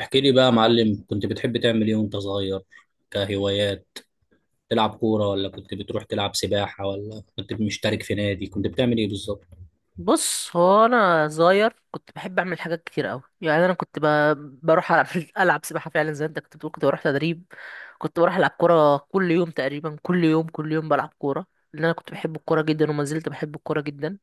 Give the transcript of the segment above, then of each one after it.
احكي لي بقى يا معلم، كنت بتحب تعمل ايه وانت صغير؟ كهوايات تلعب كورة، ولا كنت بتروح تلعب سباحة، ولا كنت مشترك في نادي؟ كنت بتعمل ايه بالظبط؟ بص، هو انا صغير كنت بحب اعمل حاجات كتير قوي. يعني انا كنت بروح العب سباحه فعلا، زي انت كنت بتقول كنت بروح تدريب. كنت بروح العب كوره كل يوم تقريبا، كل يوم كل يوم بلعب كوره، لان انا كنت بحب الكوره جدا وما زلت بحب الكوره جدا.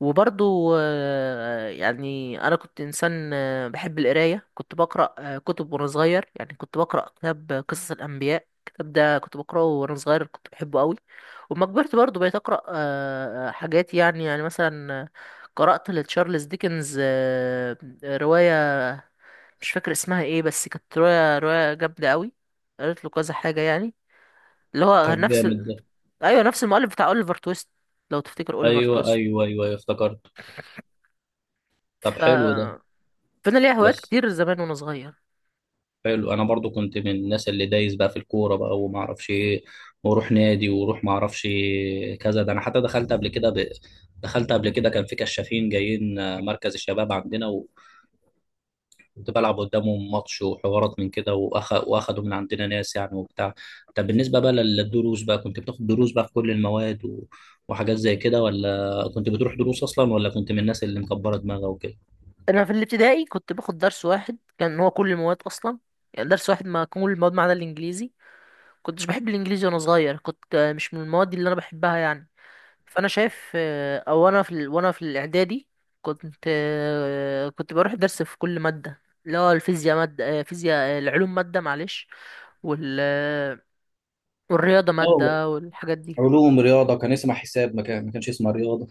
وبرضو يعني انا كنت انسان بحب القرايه، كنت بقرا كتب وانا صغير، يعني كنت بقرا كتاب قصص الانبياء، الكتاب ده كنت بقراه وانا صغير كنت بحبه قوي. وما كبرت برضو بقيت اقرا حاجات، يعني مثلا قرات لتشارلز ديكنز روايه، مش فاكر اسمها ايه، بس كانت روايه جامده قوي، قريت له كذا حاجه يعني، اللي هو طب نفس جامد ده. ايوه، نفس المؤلف بتاع اوليفر تويست، لو تفتكر اوليفر ايوه، ايوه، تويست. ايوه، أيوة، افتكرت. طب ف حلو ده. فانا ليا هوايات بس كتير زمان وانا صغير. حلو، انا برضو كنت من الناس اللي دايس بقى في الكورة بقى وما اعرفش ايه، واروح نادي واروح ما اعرفش كذا ده. انا حتى دخلت قبل كده كان في كشافين جايين مركز الشباب عندنا. كنت بلعب قدامهم ماتش وحوارات من كده، واخدوا من عندنا ناس يعني وبتاع. طب بالنسبه بقى للدروس بقى، كنت بتاخد دروس بقى في كل المواد و... وحاجات زي كده؟ ولا كنت بتروح دروس اصلا، ولا كنت من الناس اللي مكبره دماغها وكده؟ انا في الابتدائي كنت باخد درس واحد، كان هو كل المواد اصلا. يعني درس واحد ما كل المواد ما عدا الانجليزي، كنتش بحب الانجليزي وانا صغير، كنت مش من المواد اللي انا بحبها يعني. فانا شايف او انا في وانا في الاعدادي كنت بروح درس في كل ماده، اللي هو الفيزياء ماده، فيزياء، العلوم ماده، معلش، وال آه، والرياضه اه، ماده والحاجات دي. علوم رياضه كان اسمها حساب، ما كانش اسمها رياضه.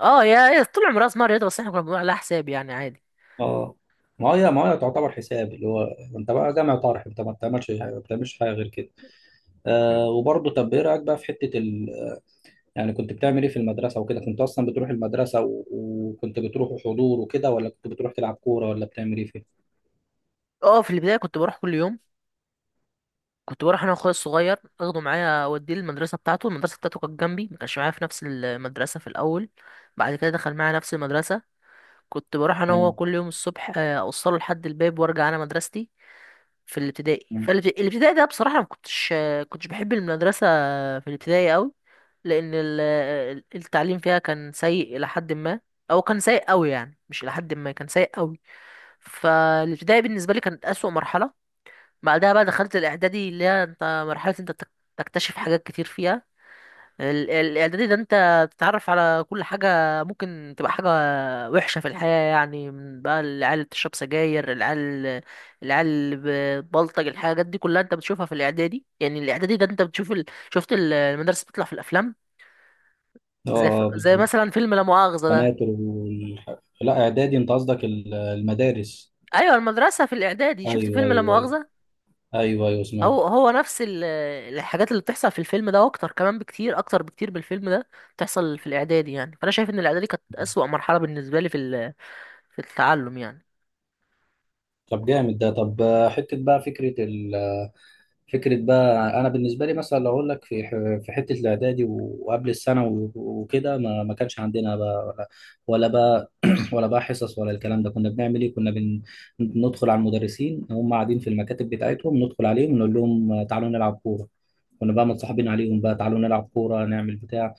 اه، يا طول عمرها اسمها رياضه، بس احنا كنا بنقول عليها حساب، يعني عادي. اه، ما هي تعتبر حساب، اللي هو انت بقى جامع طارح، انت ما بتعملش حاجه غير كده. م. وبرضه، طب ايه رايك بقى في حته؟ يعني كنت بتعمل ايه في المدرسة وكده؟ كنت اصلا بتروح المدرسة و... وكنت بتروح حضور وكده، ولا كنت بتروح تلعب كورة، ولا بتعمل ايه فيها؟ اه، في البدايه كنت بروح كل يوم. كنت بروح انا واخويا الصغير، اخده معايا اوديه المدرسه بتاعته، المدرسه بتاعته كانت جنبي، ما كانش معايا في نفس المدرسه في الاول. بعد كده دخل معايا نفس المدرسه. كنت بروح انا وهو مم. كل يوم الصبح، اوصله لحد الباب وارجع انا مدرستي في الابتدائي. مم. فالابتدائي ده بصراحه ما كنتش بحب المدرسه في الابتدائي قوي، لان التعليم فيها كان سيء الى حد ما، او كان سيء قوي يعني، مش الى حد ما، كان سيء قوي. فالابتدائي بالنسبه لي كانت اسوأ مرحله. بعدها بقى دخلت الاعدادي، اللي هي انت مرحله انت تكتشف حاجات كتير فيها. الاعدادي ده انت تتعرف على كل حاجه، ممكن تبقى حاجه وحشه في الحياه، يعني من بقى العيال اللي بتشرب سجاير، العيال اللي بتبلطج، الحاجات دي كلها انت بتشوفها في الاعدادي. يعني الاعدادي ده انت بتشوف شفت المدرسه بتطلع في الافلام، اه، زي بالظبط. مثلا فيلم لا مؤاخذه ده. قناتر لا، اعدادي انت قصدك المدارس. ايوه، المدرسه في الاعدادي، شفت ايوه، فيلم لا ايوه، ايوه، مؤاخذه، ايوه، ايوه، سمعت. هو هو نفس الحاجات اللي بتحصل في الفيلم ده واكتر كمان، بكتير اكتر بكتير من الفيلم ده بتحصل في الاعدادي. يعني فانا شايف ان الاعدادي كانت اسوأ مرحله بالنسبه لي في في التعلم يعني. طب جامد ده. طب، حتة بقى فكرة بقى، أنا بالنسبة لي مثلا لو أقول لك في في حتة الإعدادي و- وقبل الثانوي وكده، ما كانش عندنا بقى ولا بقى ولا بقى حصص، ولا الكلام ده كنا بنعمل إيه؟ كنا ندخل على المدرسين هم قاعدين في المكاتب بتاعتهم، ندخل عليهم نقول لهم تعالوا نلعب كورة. كنا بقى متصاحبين عليهم بقى تعالوا نلعب كورة نعمل بتاع.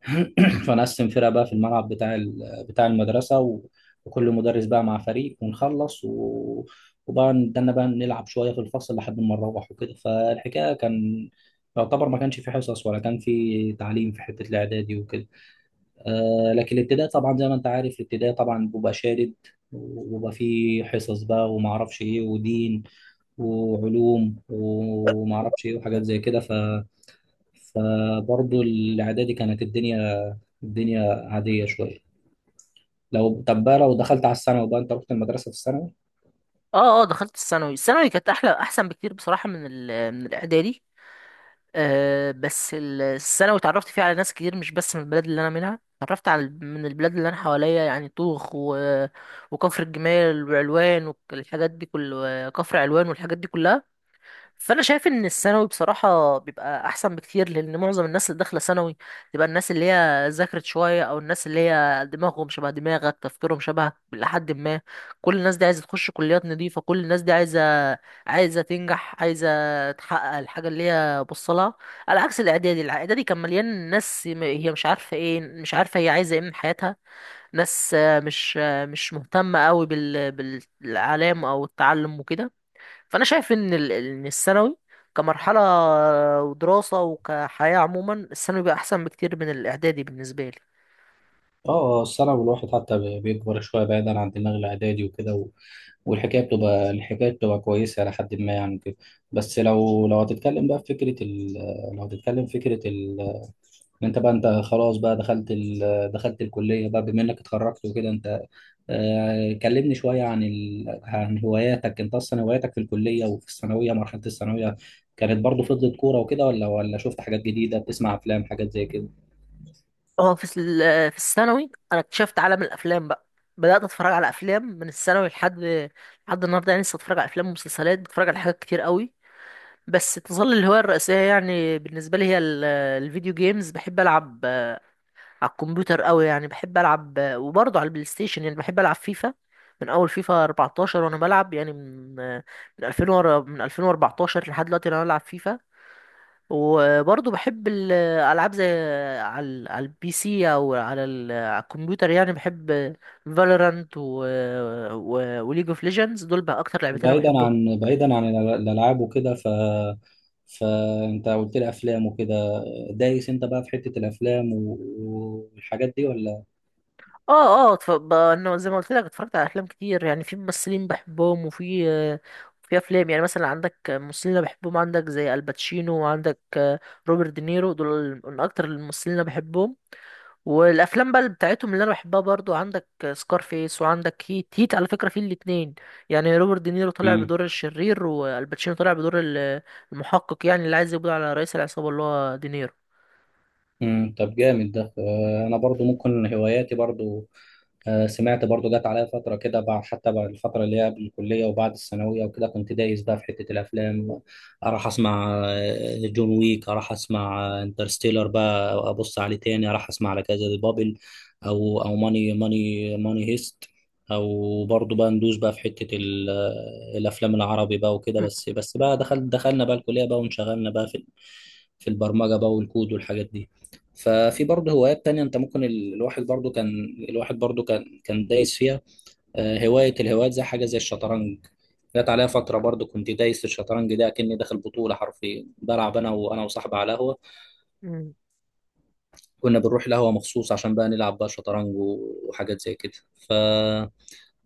فنقسم فرق بقى في الملعب بتاع بتاع المدرسة، و- وكل مدرس بقى مع فريق ونخلص وبقى نتدنى بقى نلعب شوية في الفصل لحد ما نروح وكده. فالحكاية كان يعتبر ما كانش في حصص، ولا كان في تعليم في حتة الإعدادي وكده. لكن الابتدائي طبعا زي ما أنت عارف، الابتدائي طبعا بيبقى شادد وبيبقى فيه حصص بقى وما اعرفش ايه ودين وعلوم وما اعرفش ايه وحاجات زي كده. فبرضه الاعدادي كانت الدنيا عاديه شويه. طب بقى لو دخلت على الثانوي بقى، انت رحت المدرسه في الثانوي؟ اه اه، دخلت الثانوي، الثانوي كانت احلى، احسن بكتير بصراحه من من الاعدادي. بس الثانوي اتعرفت فيها على ناس كتير، مش بس من البلد اللي انا منها، اتعرفت على من البلاد اللي انا حواليا، يعني طوخ وكفر الجمال وعلوان والحاجات دي كفر علوان والحاجات دي كلها. فانا شايف ان الثانوي بصراحه بيبقى احسن بكتير، لان معظم الناس اللي داخله ثانوي تبقى الناس اللي هي ذاكرت شويه، او الناس اللي هي دماغهم شبه دماغك، تفكيرهم شبهك لحد ما، كل الناس دي عايزه تخش كليات نظيفه، كل الناس دي عايزه تنجح، عايزه تحقق الحاجه اللي هي بصلها. على عكس الاعدادي كان مليان ناس هي مش عارفه ايه، مش عارفه هي عايزه ايه من حياتها، ناس مش مهتمه قوي بالعلام او التعلم وكده. فانا شايف ان ان الثانوي كمرحله ودراسه وكحياه عموما، الثانوي بقى احسن بكتير من الاعدادي بالنسبه لي. اه، الثانوي الواحد حتى بيكبر شويه بعيدا عن دماغ الاعدادي وكده، و... والحكايه بتبقى الحكايه بتبقى كويسه الى حد ما يعني كده. بس لو هتتكلم بقى في فكره ال... لو هتتكلم في فكره إن انت بقى انت خلاص بقى دخلت الكليه بقى، بما انك اتخرجت وكده انت. كلمني شوية عن هواياتك، انت اصلا هواياتك في الكلية وفي مرحلة الثانوية كانت برضو فضلت كورة وكده؟ ولا شفت حاجات جديدة، بتسمع افلام حاجات زي كده؟ اه، في في الثانوي انا اكتشفت عالم الافلام بقى، بدات اتفرج على افلام من الثانوي لحد النهارده، يعني لسه اتفرج على افلام ومسلسلات، بتفرج على حاجات كتير قوي. بس تظل الهوايه الرئيسيه يعني بالنسبه لي هي الفيديو جيمز، بحب العب على الكمبيوتر قوي يعني، بحب العب، وبرضه على البلاي ستيشن يعني بحب العب فيفا. من اول فيفا 14 وانا بلعب، يعني من 2000 ورا، من 2014 لحد دلوقتي انا بلعب فيفا. وبرضه بحب الالعاب زي، على على البي سي، او على على الكمبيوتر، يعني بحب فالورانت وليج اوف ليجندز، دول بقى اكتر لعبتين انا بعيدا بحبهم. عن بعيدا عن الالعاب وكده، فانت قلت لي افلام وكده. دايس انت بقى في حتة الافلام و... والحاجات دي، ولا؟ اه اه، انه زي ما قلت لك اتفرجت على افلام كتير، يعني في ممثلين بحبهم، وفي في افلام. يعني مثلا عندك ممثلين انا بحبهم، عندك زي الباتشينو، وعندك روبرت دينيرو، دول من اكتر الممثلين اللي انا بحبهم. والافلام بقى اللي بتاعتهم اللي انا بحبها برضو، عندك سكارفيس، وعندك هيت، هيت على فكره في الاتنين، يعني روبرت دينيرو طلع مم. بدور الشرير والباتشينو طلع بدور المحقق، يعني اللي عايز يقبض على رئيس العصابه اللي هو دينيرو. مم. طب جامد ده. انا برضو ممكن هواياتي برضو. سمعت برضو جت عليا فترة كده، حتى بعد الفترة اللي هي قبل الكلية وبعد الثانوية وكده، كنت دايس بقى في حتة الأفلام. أروح أسمع جون ويك، أروح أسمع انترستيلر بقى أبص عليه تاني، أروح أسمع على كذا، بابل، أو ماني هيست. أو برضو بقى ندوس بقى في حتة الأفلام العربي بقى وكده. م- بس بقى دخلنا بقى الكلية بقى وانشغلنا بقى في البرمجة بقى والكود والحاجات دي. ففي برضه هوايات تانية، انت ممكن الواحد برضه كان دايس فيها. الهوايات زي حاجة زي الشطرنج. جت عليا فترة برضه كنت دايس في الشطرنج ده، كأني داخل بطولة، حرفيا بلعب انا وصاحبي على قهوة. م. كنا بنروح القهوة مخصوص عشان بقى نلعب بقى شطرنج و- وحاجات زي كده. ف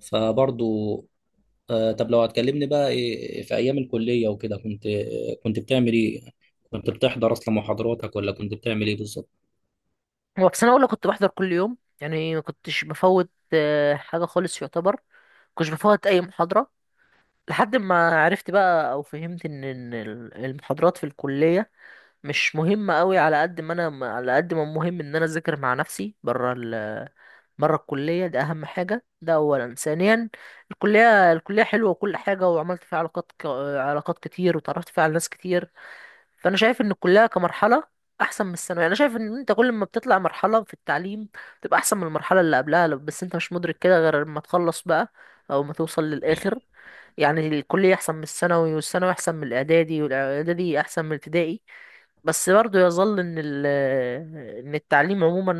فبرضه طب لو هتكلمني بقى إيه في ايام الكلية وكده، كنت بتعمل ايه؟ كنت بتحضر اصلا محاضراتك، ولا كنت بتعمل ايه بالظبط؟ هو في سنة أولى كنت بحضر كل يوم، يعني ما كنتش بفوت حاجة خالص يعتبر، كنتش بفوت أي محاضرة، لحد ما عرفت بقى أو فهمت إن المحاضرات في الكلية مش مهمة أوي، على قد ما مهم إن أنا أذاكر مع نفسي برا ال برا الكلية، ده أهم حاجة، ده أولا. ثانيا، الكلية حلوة وكل حاجة، وعملت فيها علاقات كتير، وتعرفت فيها على ناس كتير. فانا شايف ان الكليه كمرحله احسن من الثانويه، انا شايف ان انت كل ما بتطلع مرحله في التعليم بتبقى احسن من المرحله اللي قبلها، بس انت مش مدرك كده غير لما تخلص بقى، او ما توصل للاخر. يعني الكليه احسن من الثانوي، والثانوي احسن من الاعدادي، والاعدادي احسن من الابتدائي، بس برضه يظل ان ان التعليم عموما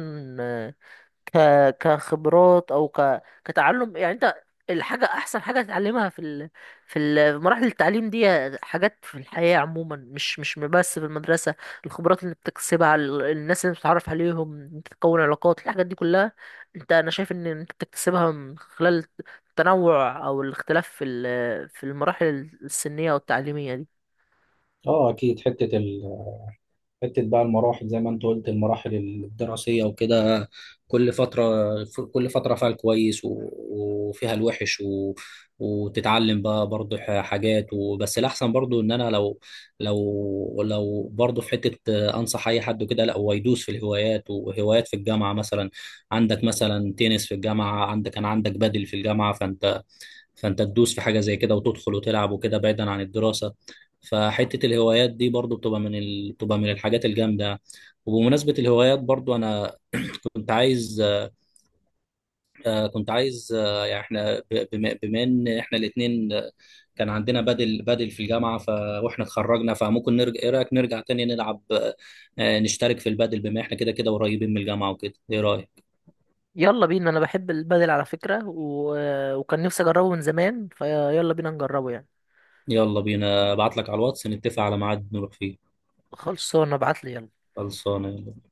ك... كخبرات او كتعلم يعني. انت الحاجة، احسن حاجة تتعلمها في في مراحل التعليم دي، حاجات في الحياة عموما، مش بس في المدرسة. الخبرات اللي بتكسبها، الناس اللي بتتعرف عليهم، انت تكون علاقات، الحاجات دي كلها انا شايف ان انت بتكتسبها من خلال التنوع او الاختلاف في في المراحل السنية والتعليمية دي. اه اكيد، حتة بقى المراحل، زي ما انت قلت، المراحل الدراسية وكده. كل فترة كل فترة فيها الكويس و- وفيها الوحش، و... وتتعلم بقى برضه حاجات. وبس الأحسن برضه إن أنا لو برضه في حتة، أنصح أي حد كده لا هو يدوس في الهوايات، وهوايات في الجامعة مثلا. عندك مثلا تنس في الجامعة، كان عندك بدل في الجامعة، فانت تدوس في حاجه زي كده وتدخل وتلعب وكده بعيدا عن الدراسه. فحته الهوايات دي برضو بتبقى بتبقى من الحاجات الجامده. وبمناسبه الهوايات برضو، انا كنت عايز كنت عايز، يعني احنا بما ان احنا الاثنين كان عندنا بدل في الجامعه، واحنا اتخرجنا، فممكن نرجع، ايه رايك نرجع تاني نلعب، نشترك في البدل. بما احنا كده كده قريبين من الجامعه وكده، ايه رايك؟ يلا بينا، انا بحب البدل على فكرة، وكان نفسي اجربه من زمان، فيلا بينا نجربه يعني. يلا بينا، ابعت لك على الواتس نتفق على ميعاد نروح فيه. خلصانه، ابعت لي يلا. خلصانه.